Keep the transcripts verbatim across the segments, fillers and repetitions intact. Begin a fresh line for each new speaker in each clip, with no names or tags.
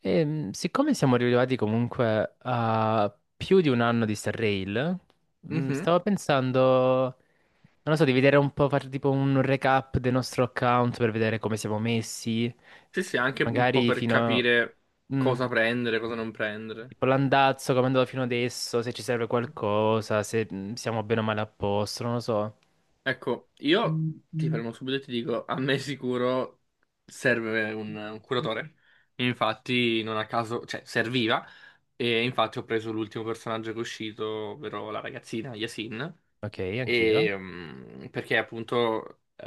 E, siccome siamo arrivati comunque a più di un anno di Star Rail, mm,
Mhm.
stavo pensando, non lo so, di vedere un po', fare tipo un recap del nostro account per vedere come siamo messi,
Sì, sì, anche un po'
magari
per
fino a...
capire
mm,
cosa prendere, cosa non prendere.
tipo l'andazzo, come è andato fino adesso, se ci serve qualcosa, se mm, siamo bene o male a posto, non lo so.
Ecco, io ti fermo subito e ti dico, a me sicuro serve un, un curatore. Infatti, non a caso, cioè, serviva. E infatti ho preso l'ultimo personaggio che è uscito, ovvero la ragazzina, Yasin.
Ok, anch'io.
E, mm, perché appunto eh,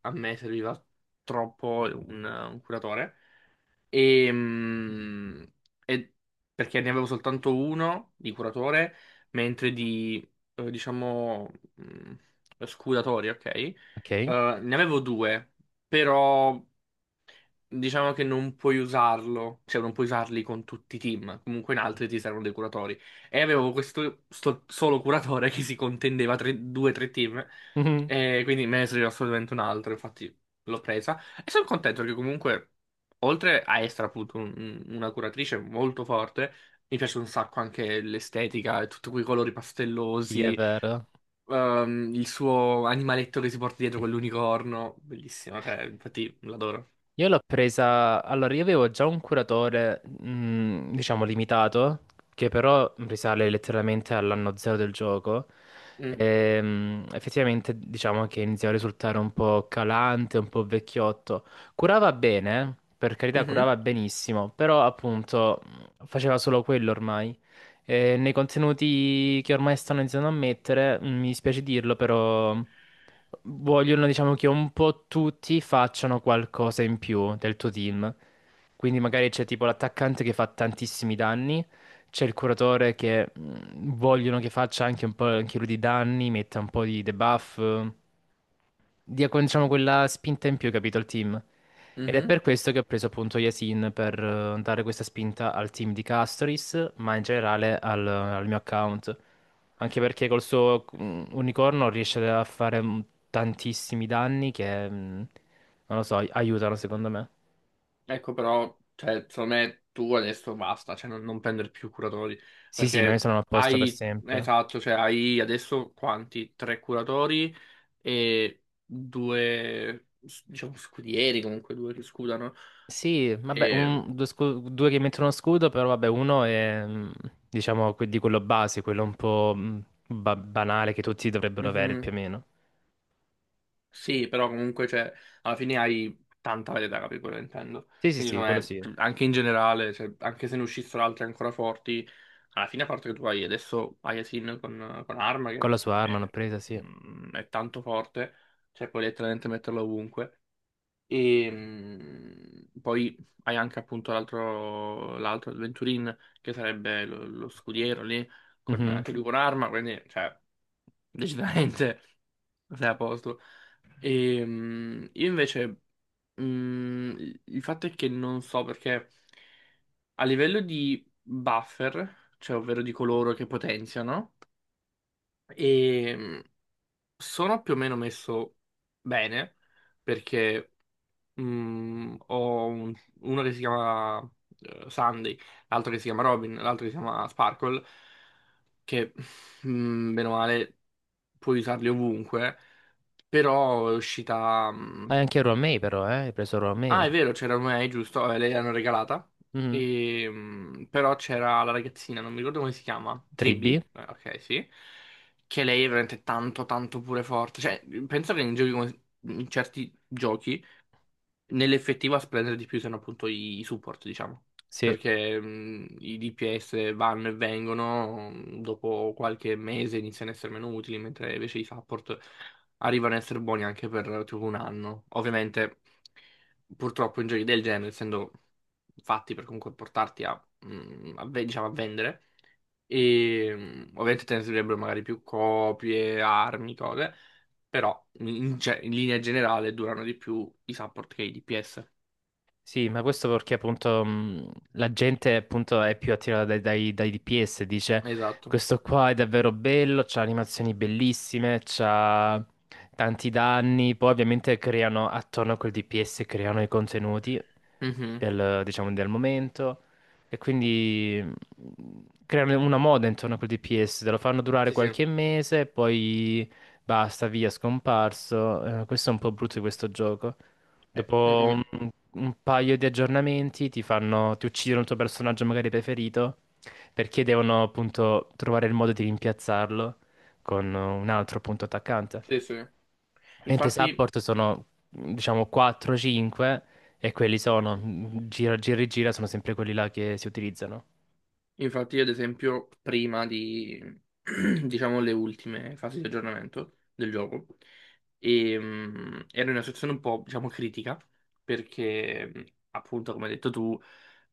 a me serviva troppo un, un curatore. E, mm, e- Perché ne avevo soltanto uno di curatore, mentre di, eh, diciamo, mm, scudatori, ok? Eh,
Ok.
ne avevo due, però diciamo che non puoi usarlo, cioè non puoi usarli con tutti i team, comunque in altri ti servono dei curatori. E avevo questo sto- solo curatore che si contendeva tre- due o tre team,
Mhm.
e quindi me ne serviva assolutamente un altro, infatti l'ho presa. E sono contento perché comunque oltre a essere appunto un- un- una curatrice molto forte, mi piace un sacco anche l'estetica e tutti quei colori
Sì, è
pastellosi,
vero.
ehm, il suo animaletto che si porta dietro con l'unicorno, bellissimo, cioè, infatti l'adoro.
Io l'ho presa, allora io avevo già un curatore, mm, diciamo, limitato, che però risale letteralmente all'anno zero del gioco.
Mm.
Ehm, effettivamente diciamo che iniziava a risultare un po' calante, un po' vecchiotto. Curava bene, per carità,
Mhm,
curava benissimo, però appunto mh, faceva solo quello ormai. Eh, nei contenuti che ormai stanno iniziando a mettere, mm, mi dispiace dirlo, però vogliono, diciamo, che un po' tutti facciano qualcosa in più del tuo team. Quindi magari c'è tipo l'attaccante che fa tantissimi danni, c'è il curatore che mm, vogliono che faccia anche un po' anche lui di danni, metta un po' di debuff dia con- diciamo, quella spinta in più, capito, al team. Ed è
mhm.
per questo che ho preso appunto Yasin per eh, dare questa spinta al team di Castoris, ma in generale al, al mio account. Anche perché col suo mm, unicorno riesce a fare mm, tantissimi danni che, mm, non lo so, ai- aiutano secondo me.
Ecco però, cioè, secondo me tu adesso basta, cioè non, non prendere più curatori,
Sì, sì, non ne
perché
sono apposta per
hai,
sempre.
esatto, cioè hai adesso quanti? Tre curatori e due, s- diciamo, scudieri comunque, due che scudano.
Sì, vabbè,
E...
un- due, scu- due che mettono scudo, però vabbè, uno è, mm, diciamo, que- di quello base, quello un po' mm, ba- banale che tutti dovrebbero avere più
mhm.
o meno.
Sì, però comunque cioè, alla fine hai tanta varietà, capito quello che intendo?
Sì, sì,
Quindi
sì,
secondo
quello
me,
sì.
cioè, anche in generale, cioè, anche se ne uscissero altri ancora forti, alla fine a parte che tu hai adesso Ayasin con, con Arma
Con la
che
sua arma l'ho
è,
presa, sì.
mm, è tanto forte, cioè puoi letteralmente metterlo ovunque. E mh, poi hai anche appunto l'altro l'altro il Venturin che sarebbe lo, lo scudiero lì, con,
Mhm.
anche lui con arma, quindi cioè, decisamente sei a posto. E, mh, io invece, mh, il il fatto è che non so perché a livello di buffer, cioè ovvero di coloro che potenziano, e, mh, sono più o meno messo bene perché. Mm, ho un- uno che si chiama eh, Sunday, l'altro che si chiama Robin, l'altro che si chiama Sparkle, che mm, bene o male puoi usarli ovunque, però è uscita... mm,
Ah, e anche Romei però, eh? Hai preso
Ah, è
Romei.
vero, c'era May, giusto? Eh, lei l'hanno regalata.
Mhm.
E, mm, però c'era la ragazzina, non mi ricordo come si chiama,
tre B?
Tribby, eh, ok, sì, che lei è veramente tanto, tanto pure forte. Cioè, penso che in giochi come- in certi giochi nell'effettivo a spendere di più sono appunto i, i support, diciamo,
Sì.
perché mh, i D P S vanno e vengono, mh, dopo qualche mese iniziano a essere meno utili, mentre invece i support arrivano a essere buoni anche per tipo un anno. Ovviamente, purtroppo in giochi del genere, essendo fatti per comunque portarti a, mh, a ve- diciamo, a vendere, e mh, ovviamente te ne servirebbero magari più copie, armi, cose però in, cioè, in linea generale durano di più i support che i D P S.
Sì, ma questo perché appunto mh, la gente appunto è più attirata dai, dai- dai D P S, dice
Esatto.
questo qua è davvero bello, c'ha animazioni bellissime, c'ha tanti danni, poi ovviamente creano attorno a quel D P S, creano i contenuti
Mhm.
del, diciamo, del momento e quindi mh, creano una moda intorno a quel D P S, te lo fanno durare
Sì, sì.
qualche mese, poi basta, via, scomparso. Eh, questo è un po' brutto di questo gioco.
Eh, mm,
Dopo
mm.
un, un paio di aggiornamenti ti fanno, ti uccidono il tuo personaggio magari preferito perché devono appunto trovare il modo di rimpiazzarlo con un altro appunto attaccante.
Sì, sì.
Mentre
Infatti.
support sono diciamo quattro cinque e quelli sono gira, gira e gira sono sempre quelli là che si utilizzano.
Infatti io ad esempio prima di, diciamo, le ultime fasi di aggiornamento del gioco, ehm, ero in una situazione un po', diciamo, critica, perché mhmm, appunto, come hai detto tu,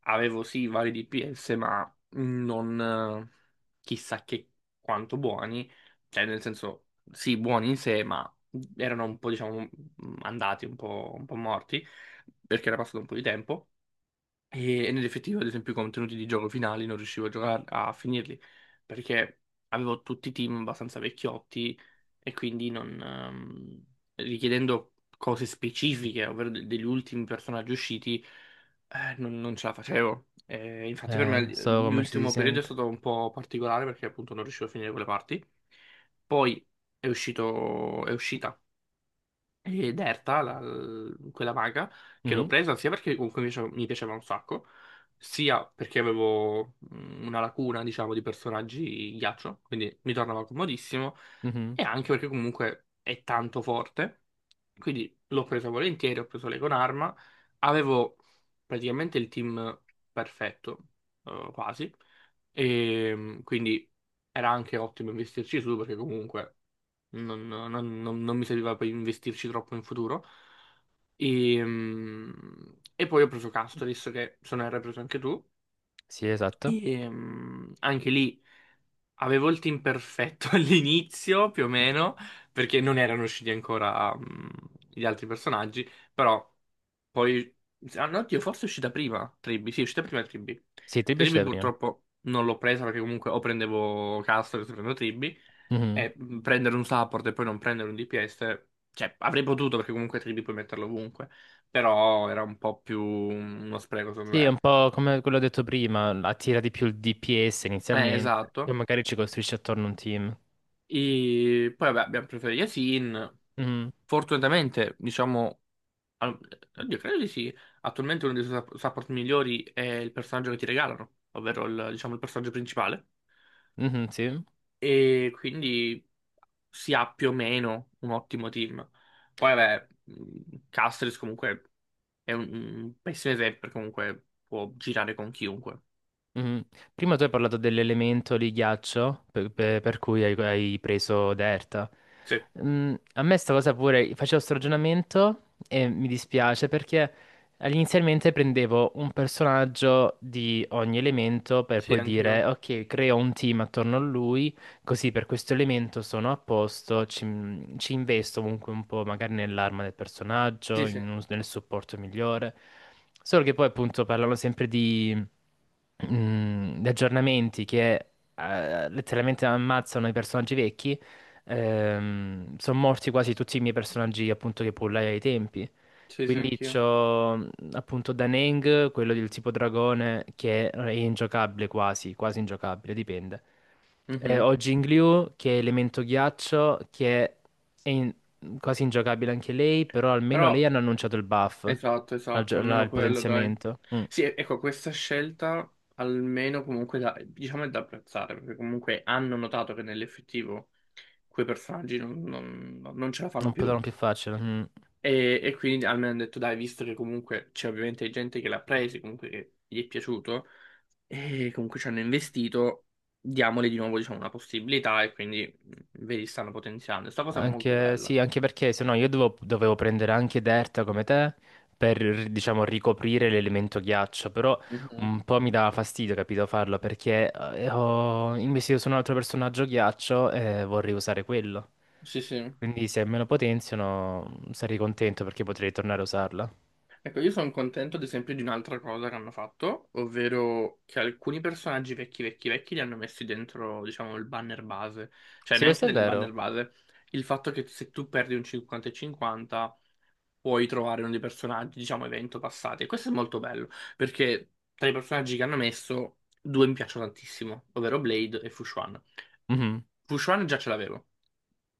avevo sì vari D P S, ma non eh, chissà che quanto buoni, cioè nel senso, sì, buoni in sé, ma erano un po', diciamo, andati, un po', un po' morti, perché era passato un po' di tempo. E, e nell'effettivo, ad esempio, i contenuti di gioco finali non riuscivo a giocare, a finirli, perché avevo tutti i team abbastanza vecchiotti e quindi non, ehm, richiedendo cose specifiche, ovvero de- degli ultimi personaggi usciti, eh, non, non ce la facevo. Eh, infatti per me
Eh,
l-
so come ci si
l'ultimo periodo è
sente.
stato un po' particolare perché appunto non riuscivo a finire quelle parti. Poi è uscito, è uscita e Derta, la- l- quella maga, che l'ho
Mhm,
presa sia perché comunque mi piaceva, mi piaceva un sacco, sia perché avevo mm, una lacuna, diciamo, di personaggi ghiaccio, quindi mi tornava comodissimo,
mhm.
e anche perché comunque è tanto forte, quindi l'ho presa volentieri, ho preso lei con arma, avevo praticamente il team perfetto, eh, quasi, e mm, quindi era anche ottimo investirci su perché comunque non, non- non- non mi serviva per investirci troppo in futuro. E, mm, e poi ho preso Custodes, che se ne hai preso anche tu,
Sì, esatto.
e mm, anche lì avevo il team perfetto all'inizio, più o meno, perché non erano usciti ancora mm, gli altri personaggi, però poi... Ah no, oddio, forse è uscita prima Tribi, sì, è uscita prima Tribi.
Sì, ti
Tribi
piaceva prima.
purtroppo non l'ho presa perché comunque o prendevo Custodes o prendo Tribi.
Mhm.
E mh, prendere un support e poi non prendere un D P S, cioè avrei potuto perché comunque tridi puoi metterlo ovunque, però era un po' più mhmm, uno spreco secondo
Sì, è un
me.
po' come quello detto prima, attira di più il D P S
Eh,
inizialmente, e
esatto.
magari ci costruisce attorno un team.
E poi vabbè, abbiamo preferito Yasin.
Mhm.
Fortunatamente, diciamo, al- oddio, credo di sì. Attualmente uno dei suoi sup- support migliori è il personaggio che ti regalano, ovvero il, diciamo, il personaggio principale.
Mhm, sì.
E quindi si ha più o meno un ottimo team. Poi vabbè, mh, Castris comunque è un, un pessimo esempio, perché comunque può girare con chiunque.
Mhm. Prima tu hai parlato dell'elemento di ghiaccio per, per- per cui hai, hai preso Derta.
Sì,
Mm, a me sta cosa pure, facevo sto ragionamento e mi dispiace perché inizialmente prendevo un personaggio di ogni elemento per
sì,
poi dire
anch'io.
ok, creo un team attorno a lui. Così per questo elemento sono a posto, ci, ci investo comunque un po' magari nell'arma del personaggio,
Sì, sì,
in un- nel supporto migliore. Solo che poi appunto parlano sempre di, mm, di aggiornamenti che eh, letteralmente ammazzano i personaggi vecchi. Ehm, sono morti quasi tutti i miei personaggi appunto che pullai ai tempi.
sì, sì,
Quindi
anch'io.
c'ho mh, appunto Daneng, quello del tipo dragone, che è ingiocabile quasi, quasi ingiocabile, dipende. Eh,
Mhm.
ho Jingliu che è elemento ghiaccio, che è in- quasi ingiocabile anche lei, però almeno lei
Però,
hanno annunciato il buff,
esatto,
la
esatto,
gio- la-
almeno
il
quello, dai.
potenziamento. Mm.
Sì, e- ecco, questa scelta almeno comunque da, diciamo è da apprezzare, perché comunque hanno notato che nell'effettivo quei personaggi non, non- no, non ce la fanno
Non
più.
potevano più farcela. Mm.
E, e quindi almeno hanno detto, dai, visto che comunque c'è ovviamente gente che l'ha preso, comunque che gli è piaciuto, e comunque ci hanno investito, diamole di nuovo, diciamo, una possibilità e quindi mh, vedi, stanno potenziando. Sta cosa è molto
Anche,
bella.
sì, anche perché se no io dovevo, dovevo prendere anche Derta come te per, diciamo, ricoprire l'elemento ghiaccio, però
Mhm.
un po' mi dava fastidio, capito, farlo, perché eh, ho investito su un altro personaggio ghiaccio e vorrei usare quello.
Sì, sì.
Quindi se me lo potenziano sarei contento perché potrei tornare a usarla.
Ecco, io sono contento ad esempio di un'altra cosa che hanno fatto, ovvero che alcuni personaggi vecchi, vecchi, vecchi li hanno messi dentro, diciamo, il banner base, cioè
Sì,
neanche
questo è
nel
vero.
banner base. Il fatto che se tu perdi un cinquanta e cinquanta puoi trovare uno dei personaggi, diciamo, evento passati. E questo è molto bello, perché tra i personaggi che hanno messo, due mi piacciono tantissimo, ovvero Blade e Fushuan.
Mhm.
Fushuan già ce l'avevo,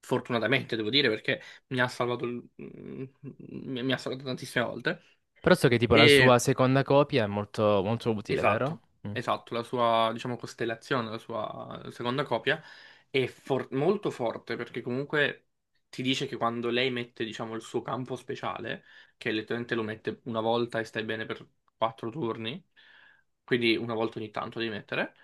fortunatamente devo dire, perché mi ha salvato, il- mi mi ha salvato tantissime volte.
Però so che tipo la sua
E
seconda copia è molto, molto utile, vero?
esatto,
Mm.
esatto, la sua, diciamo, costellazione, la sua seconda copia è for- molto forte perché comunque ti dice che quando lei mette, diciamo, il suo campo speciale, che letteralmente lo mette una volta e stai bene per quattro turni, quindi una volta ogni tanto devi mettere,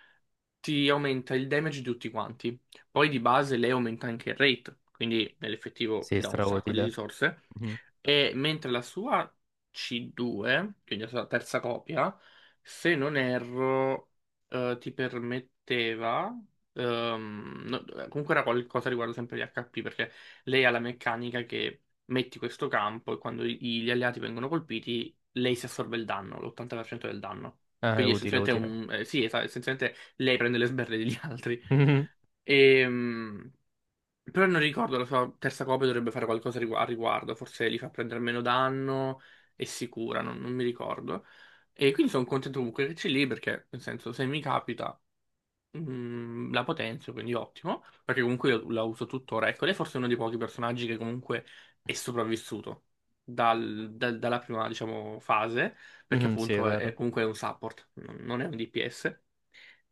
ti aumenta il damage di tutti quanti. Poi di base lei aumenta anche il rate, quindi nell'effettivo
Sì,
ti dà un sacco di
strautile.
risorse.
Mhm.
E mentre la sua C due, quindi la sua terza copia, se non erro, eh, ti permetteva. ehm, no- Comunque era qualcosa riguardo sempre gli H P, perché lei ha la meccanica che metti questo campo e quando i- gli alleati vengono colpiti, lei si assorbe il danno, l'ottanta per cento del danno.
Ah, è
Quindi
utile,
essenzialmente è
utile.
un, eh, sì, esa- essenzialmente lei prende le sberle degli altri.
Mhm.
Ehm, Però non ricordo, la sua terza copia dovrebbe fare qualcosa rigu- a riguardo, forse li fa prendere meno danno e si cura, non, non mi ricordo. E quindi sono contento comunque che c'è lì perché, nel senso, se mi capita, mm, la potenzio, quindi ottimo, perché comunque io la uso tuttora. Ecco, lei forse è uno dei pochi personaggi che comunque è sopravvissuto dal- dal- dalla prima, diciamo, fase, perché
Mhm, sì, è
appunto è, è-
vero.
comunque è un support, non non è un D P S.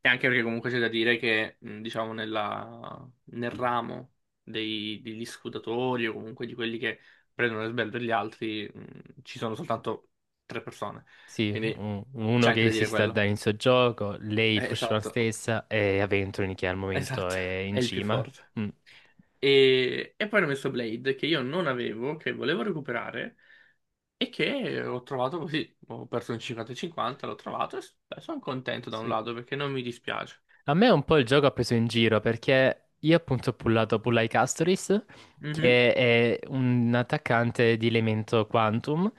E anche perché comunque c'è da dire che, mh, diciamo, nella- nel ramo dei- degli scutatori o comunque di quelli che prendono le sberle degli altri, mh, ci sono soltanto tre persone.
Sì,
Quindi
un- uno
c'è anche
che
da
si
dire
sta
quello.
dando il suo gioco, lei
Eh,
Fushman
esatto,
stessa e Aventurini che al momento
esatto,
è
è
in
il più
cima.
forte.
Mm.
E, e poi hanno messo Blade, che io non avevo, che volevo recuperare, e che ho trovato così. Ho perso un cinquanta e cinquanta, l'ho trovato e s- beh, sono contento da un
Sì.
lato perché non mi dispiace.
A me un po' il gioco ha preso in giro perché io appunto ho pullato Pullai Castoris,
Mhm,
che è un attaccante di elemento Quantum,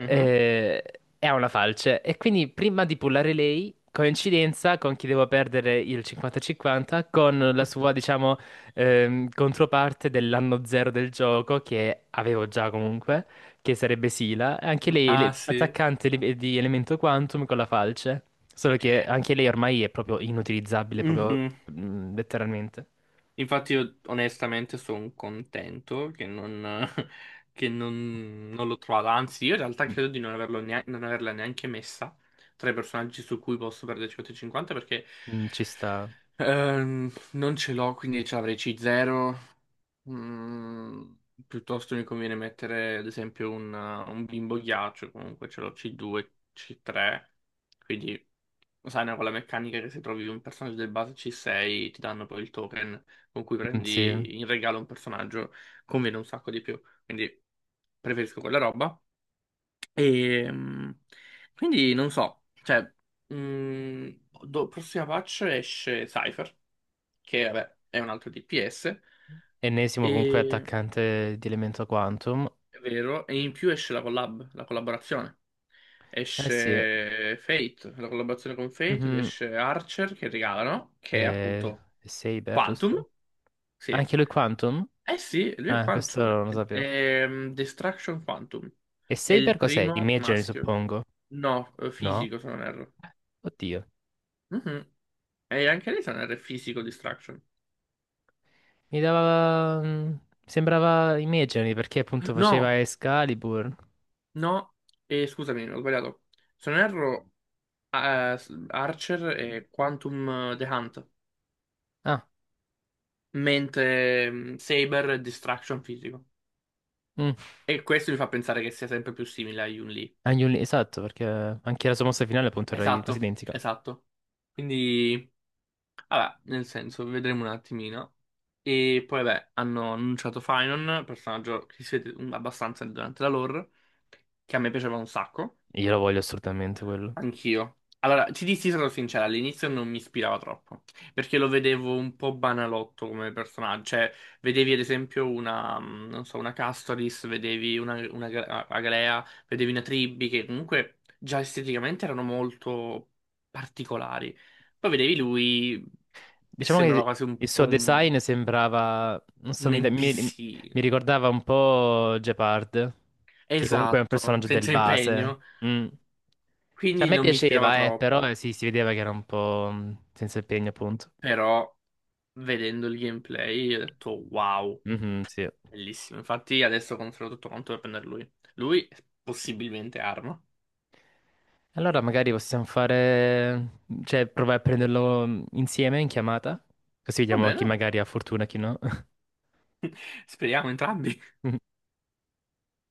mhm.
eh, e ha una falce. E quindi prima di pullare lei, coincidenza con chi devo perdere il cinquanta cinquanta, con la sua, diciamo, ehm, controparte dell'anno zero del gioco, che avevo già comunque che sarebbe Sila, anche lei
Ah
le-
sì.
attaccante li- di elemento quantum con la falce, solo che anche lei ormai è proprio inutilizzabile, proprio
Mhm.
mm, letteralmente.
Infatti io onestamente sono contento che non, che non- non l'ho trovata, anzi io in realtà credo di non, averlo neanche, non averla neanche messa tra i personaggi su cui posso perdere cinquanta e cinquanta perché
Mm, ci sta.
ehm, non ce l'ho, quindi ce l'avrei C zero, Mm, piuttosto mi conviene mettere ad esempio un, un bimbo ghiaccio, comunque ce l'ho C due, C tre, quindi lo sai, no, con la meccanica che se trovi un personaggio del base C sei ti danno poi il token con cui
Mm, sì,
prendi in regalo un personaggio, conviene un sacco di più. Quindi preferisco quella roba. E mm, quindi non so, cioè, mm, do- prossima patch esce Cypher, che vabbè è un altro D P S,
ennesimo comunque attaccante di elemento quantum.
è vero, e in più esce la collab, la collaborazione.
Eh sì.
Esce Fate, la collaborazione con Fate, ed
Mhm.
esce Archer che regalano, che è
Eh,
appunto
è Saber, giusto?
Quantum. Sì.
Anche lui quantum?
Eh sì, lui è
Ah, questo
Quantum.
non lo sapevo.
Ehm, Destruction Quantum.
E
È
Saber
il
cos'è?
primo
Imaginary,
maschio.
suppongo.
No, eh,
No?
fisico se non erro.
Oddio.
Mhm. E anche lei se non erro è fisico Destruction.
Mi dava... mm, sembrava Imagery perché appunto
No!
faceva Excalibur.
No, e scusami, ho sbagliato. Se non erro, eh, Archer è Quantum eh, The Hunt,
Ah,
mentre mm, Saber è Distraction Fisico.
mm.
E questo mi fa pensare che sia sempre più simile a Yun-Li.
Anche un- esatto, perché anche la sua mossa finale appunto era i- quasi
Esatto,
identica.
esatto. Quindi, vabbè, nel senso, vedremo un attimino. E poi, vabbè, hanno annunciato Finon, personaggio che si vede mm, abbastanza durante la lore, che a me piaceva un sacco.
Io lo voglio assolutamente quello.
Anch'io. Allora, ti dissi sarò sincera, all'inizio non mi ispirava troppo, perché lo vedevo un po' banalotto come personaggio, cioè vedevi ad esempio una, mh, non so, una Castoris, vedevi una, una Ga- Agalea, vedevi una Tribbi, che comunque già esteticamente erano molto particolari. Poi vedevi lui e
Diciamo
sembrava
che
quasi un
il
po'
suo
un,
design sembrava... non so,
un
mi, da- mi-
N P C,
mi ricordava un po' Gepard, che comunque è un
esatto,
personaggio del
senza
base.
impegno,
Mm. Cioè, a
quindi
me
non mi ispirava
piaceva, eh, però eh,
troppo,
sì, si vedeva che era un po' mm, senza impegno appunto.
però... Vedendo il gameplay ho detto wow,
Mhm, sì.
bellissimo. Infatti adesso controllo tutto quanto per prendere lui. Lui possibilmente arma.
Allora magari possiamo fare, cioè provare a prenderlo mm, insieme in chiamata, così
Va
vediamo chi
bene.
magari ha fortuna e chi no.
Speriamo entrambi.